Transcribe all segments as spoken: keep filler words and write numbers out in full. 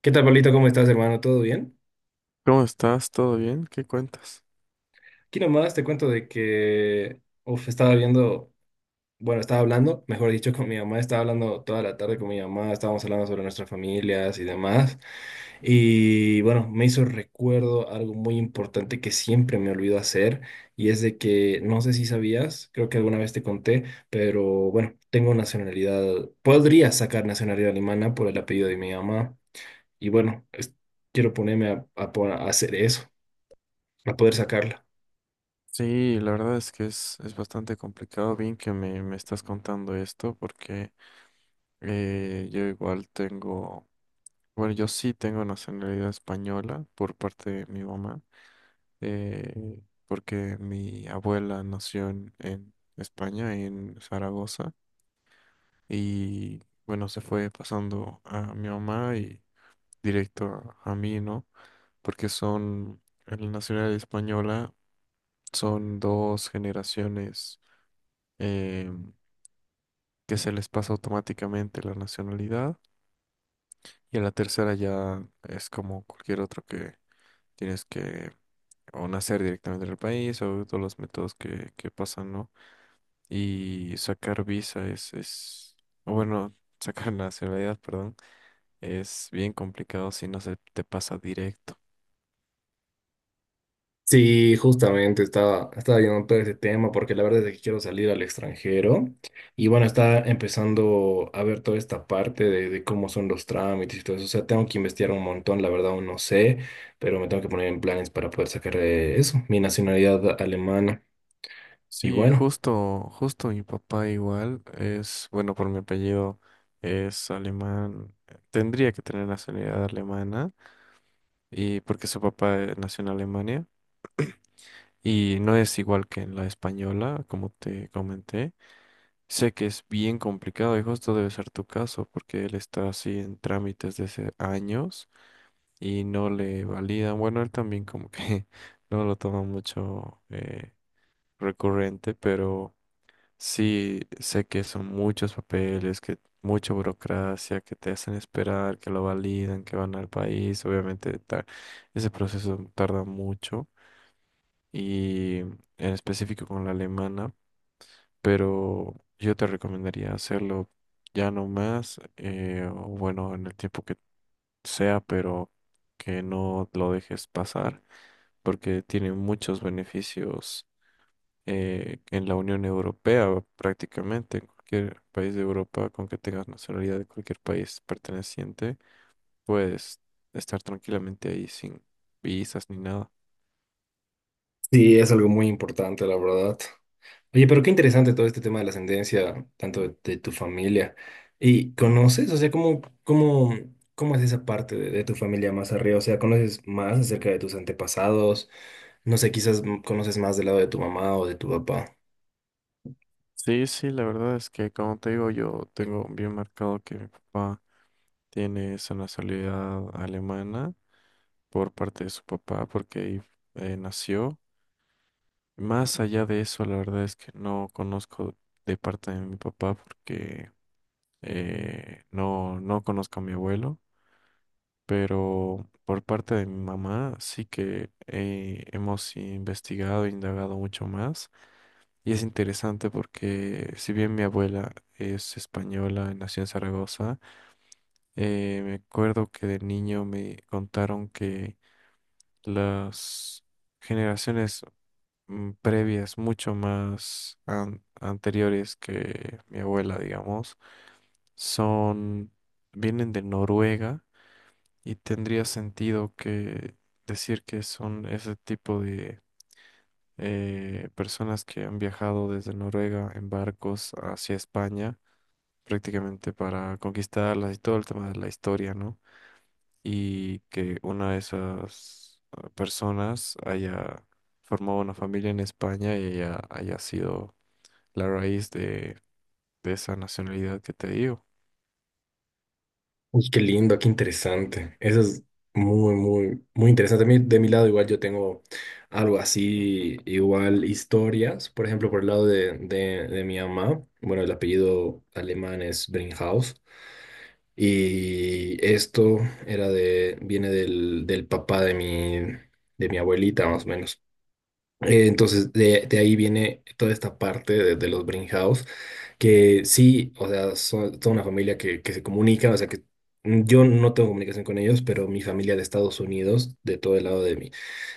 ¿Qué tal, Pablito? ¿Cómo estás, hermano? ¿Todo bien? ¿Cómo estás? ¿Todo bien? ¿Qué cuentas? Aquí nomás te cuento de que, uf, estaba viendo, bueno, estaba hablando, mejor dicho, con mi mamá, estaba hablando toda la tarde con mi mamá, estábamos hablando sobre nuestras familias y demás. Y bueno, me hizo recuerdo algo muy importante que siempre me olvido hacer, y es de que, no sé si sabías, creo que alguna vez te conté, pero bueno, tengo nacionalidad, podría sacar nacionalidad alemana por el apellido de mi mamá, y bueno, es- quiero ponerme a a po- a hacer eso. A poder sacarla. Sí, la verdad es que es, es bastante complicado. Bien que me, me estás contando esto porque eh, yo igual tengo, bueno, yo sí tengo nacionalidad española por parte de mi mamá, eh, porque mi abuela nació en, en España, en Zaragoza, y bueno, se fue pasando a mi mamá y directo a, a mí, ¿no? Porque son, en la nacionalidad española son dos generaciones eh, que se les pasa automáticamente la nacionalidad, y a la tercera ya es como cualquier otro, que tienes que o nacer directamente en el país o todos los métodos que, que pasan, ¿no? Y sacar visa es, es, o bueno, sacar nacionalidad, perdón, es bien complicado si no se te pasa directo. Sí, justamente estaba, estaba viendo todo ese tema porque la verdad es que quiero salir al extranjero y bueno, está empezando a ver toda esta parte de, de cómo son los trámites y todo eso. O sea, tengo que investigar un montón, la verdad aún no sé, pero me tengo que poner en planes para poder sacar eh, eso, mi nacionalidad alemana. Y Sí, bueno. justo, justo mi papá igual es, bueno, por mi apellido es alemán, tendría que tener nacionalidad alemana, y porque su papá eh, nació en Alemania, y no es igual que en la española, como te comenté. Sé que es bien complicado y justo debe ser tu caso, porque él está así en trámites desde hace años y no le validan. Bueno, él también como que no lo toma mucho eh, recurrente. Pero sí, sé que son muchos papeles, que mucha burocracia, que te hacen esperar, que lo validan, que van al país. Obviamente, ta- ese proceso tarda mucho, y en específico con la alemana, pero yo te recomendaría hacerlo ya no más, eh, o bueno, en el tiempo que sea, pero que no lo dejes pasar, porque tiene muchos beneficios eh, en la Unión Europea. Prácticamente en cualquier país de Europa, con que tengas nacionalidad de cualquier país perteneciente, puedes estar tranquilamente ahí sin visas ni nada. Sí, es algo muy importante, la verdad. Oye, pero qué interesante todo este tema de la ascendencia, tanto de, de tu familia. ¿Y conoces? O sea, ¿cómo, cómo, ¿cómo es esa parte de, de tu familia más arriba? O sea, ¿conoces más acerca de tus antepasados? No sé, quizás mm, conoces más del lado de tu mamá o de tu papá. Sí, sí, la verdad es que, como te digo, yo tengo bien marcado que mi papá tiene esa nacionalidad alemana por parte de su papá porque ahí eh, nació. Más allá de eso, la verdad es que no conozco de parte de mi papá porque Eh, no, no conozco a mi abuelo, pero por parte de mi mamá sí que eh, hemos investigado e indagado mucho más. Y es interesante porque, si bien mi abuela es española, nació en Zaragoza, eh, me acuerdo que de niño me contaron que las generaciones mm, previas, mucho más an- anteriores que mi abuela, digamos, son, vienen de Noruega. Y tendría sentido que decir que son ese tipo de eh, personas que han viajado desde Noruega en barcos hacia España, prácticamente para conquistarlas, y todo el tema de la historia, ¿no? Y que una de esas eh, personas haya formado una familia en España y haya, haya sido la raíz de, de esa nacionalidad que te digo. Uy, qué lindo, qué interesante. Eso es muy, muy, muy interesante. Mi- De mi lado, igual yo tengo algo así, igual historias. Por ejemplo, por el lado de, de, de mi mamá, bueno, el apellido alemán es Brinkhaus. Y esto era de, viene del, del papá de mi, de mi abuelita, más o menos. Eh, entonces, de, de ahí viene toda esta parte de, de los House que sí, o sea, son toda una familia que, que se comunica, o sea, que mm, yo no tengo comunicación con ellos, pero mi familia de Estados Unidos, de todo el lado de mi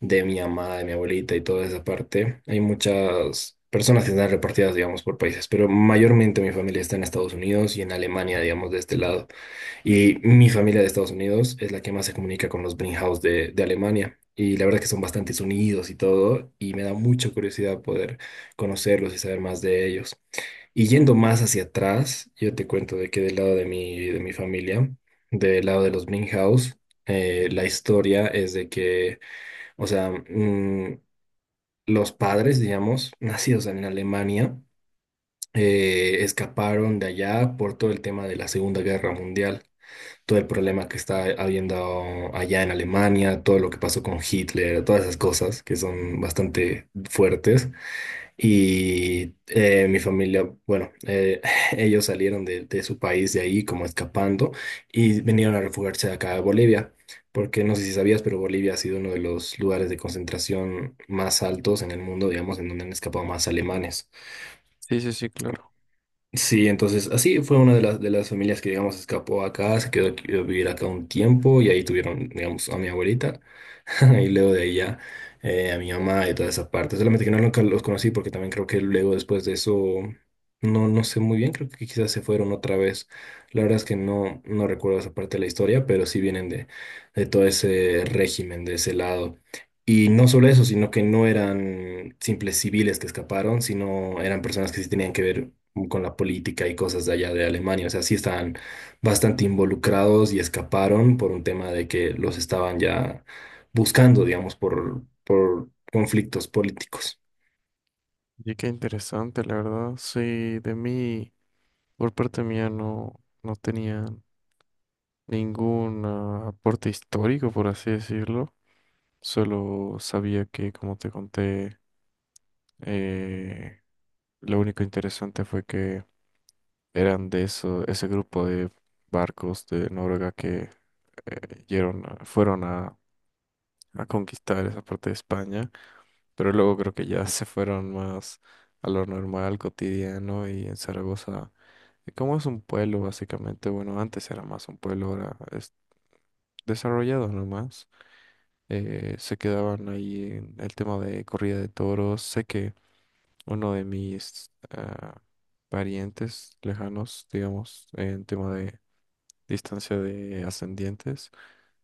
de mi mamá, de mi abuelita y toda esa parte. Hay muchas personas que están repartidas, digamos, por países, pero mayormente mi familia está en Estados Unidos y en Alemania, digamos, de este lado. Y mi familia de Estados Unidos es la que más se comunica con los Brinkhaus de, de Alemania. Y la verdad que son bastantes unidos y todo, y me da mucha curiosidad poder conocerlos y saber más de ellos. Y yendo más hacia atrás, yo te cuento de que del lado de mi, de mi familia, del lado de los Brinkhaus, eh, la historia es de que o sea, mm, los padres, digamos, nacidos en Alemania, eh, escaparon de allá por todo el tema de la Segunda Guerra Mundial, todo el problema que está habiendo allá en Alemania, todo lo que pasó con Hitler, todas esas cosas que son bastante fuertes. Y eh, mi familia, bueno, eh, ellos salieron de, de su país de ahí como escapando y vinieron a refugiarse acá a Bolivia, porque no sé si sabías, pero Bolivia ha sido uno de los lugares de concentración más altos en el mundo, digamos, en donde han escapado más alemanes. Sí, sí, sí, claro. Sí, entonces así fue una de las, de las familias que, digamos, escapó acá, se quedó aquí- a vivir acá un tiempo y ahí tuvieron, digamos, a mi abuelita. Y luego de ahí ya eh, a mi mamá y toda esa parte. Solamente que no nunca los conocí porque también creo que luego después de eso, no, no sé muy bien, creo que quizás se fueron otra vez. La verdad es que no, no recuerdo esa parte de la historia, pero sí vienen de, de todo ese régimen, de ese lado. Y no solo eso, sino que no eran simples civiles que escaparon, sino eran personas que sí tenían que ver con la política y cosas de allá de Alemania. O sea, sí estaban bastante involucrados y escaparon por un tema de que los estaban ya buscando, digamos, por, por conflictos políticos. Y qué interesante, la verdad. Sí, de mí, por parte mía, no, no tenía ningún ah, aporte histórico, por así decirlo. Solo sabía que, como te conté, eh, lo único interesante fue que eran de eso, ese grupo de barcos de Noruega que eh, yeron a- fueron a, a conquistar esa parte de España, pero luego creo que ya se fueron más a lo normal, cotidiano, y en Zaragoza, eh, como es un pueblo básicamente, bueno, antes era más un pueblo, ahora es desarrollado nomás, eh, se quedaban ahí en el tema de corrida de toros. Sé que uno de mis... ah, parientes lejanos, digamos, en tema de distancia de ascendientes,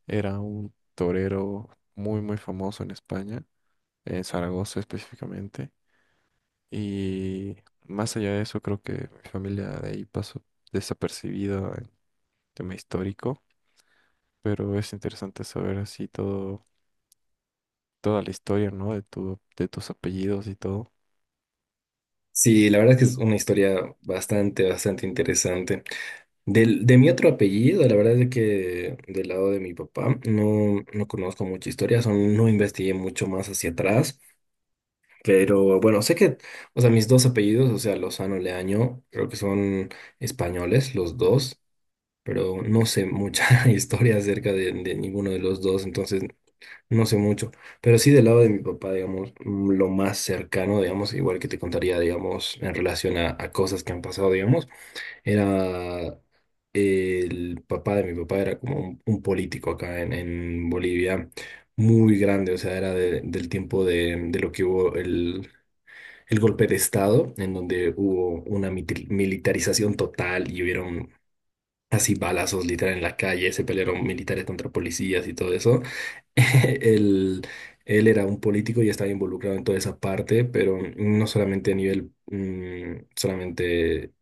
era un torero muy, muy famoso en España, en Zaragoza específicamente. Y más allá de eso, creo que mi familia de ahí pasó desapercibida en tema histórico, pero es interesante saber así todo, toda la historia, ¿no? De tu, de tus apellidos y todo. Sí, la verdad es que es una historia bastante, bastante interesante. Del, de mi otro apellido, la verdad es que del lado de mi papá no, no conozco mucha historia, son- no investigué mucho más hacia atrás, pero bueno, sé que, o sea, mis dos apellidos, o sea, Lozano, Leaño, creo que son españoles los dos, pero no sé mucha historia acerca de, de ninguno de los dos, entonces no sé mucho, pero sí del lado de mi papá, digamos, mm, lo más cercano, digamos, igual que te contaría, digamos, en relación a, a cosas que han pasado, digamos, era el papá de mi papá, era como un, un político acá en, en Bolivia, muy grande, o sea, era de- del tiempo de, de lo que hubo el, el golpe de Estado, en donde hubo una mitil- militarización total y hubieron así balazos literal en la calle, se pelearon militares contra policías y todo eso. Él, él era un político y estaba involucrado en toda esa parte, pero no solamente a nivel mm, solamente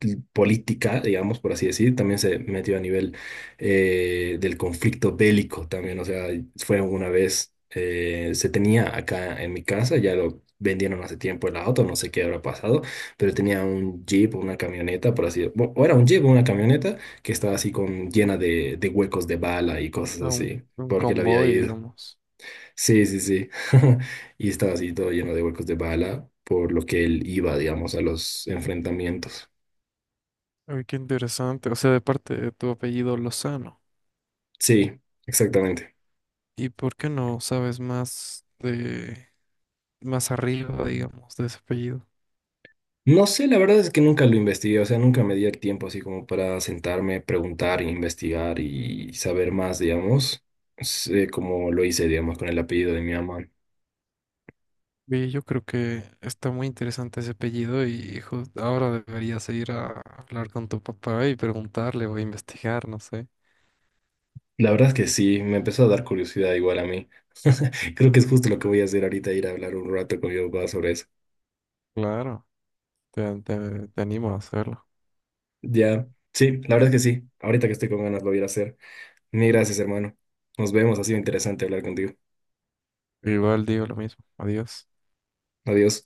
l- política, digamos, por así decir, también se metió a nivel eh, del conflicto bélico también, o sea, fue una vez, eh, se tenía acá en mi casa, ya lo vendieron hace tiempo el auto, no sé qué habrá pasado, pero tenía un jeep, o una camioneta, por así, decirlo, o era un jeep o una camioneta que estaba así con llena de, de huecos de bala y cosas Ah, un, así un porque la había convoy, ido. digamos. Sí, sí, sí. Y estaba así todo lleno de huecos de bala, por lo que él iba, digamos, a los enfrentamientos. Ay, qué interesante. O sea, de parte de tu apellido Lozano. Sí, exactamente. ¿Y por qué no sabes más de más arriba, digamos, de ese apellido? No sé, la verdad es que nunca lo investigué, o sea, nunca me di el tiempo así como para sentarme, preguntar, investigar y saber más, digamos, sé como lo hice, digamos, con el apellido de mi mamá. Oye, yo creo que está muy interesante ese apellido, y hijo, ahora deberías ir a hablar con tu papá y preguntarle o investigar, no sé. La verdad es que sí, me empezó a dar curiosidad igual a mí. Creo que es justo lo que voy a hacer ahorita, ir a hablar un rato con mi papá sobre eso. Claro, te, te, te animo a hacerlo. Ya, sí, la verdad es que sí. Ahorita que estoy con ganas lo voy a ir a hacer. Ni gracias, hermano. Nos vemos. Ha sido interesante hablar contigo. Igual digo lo mismo. Adiós. Adiós.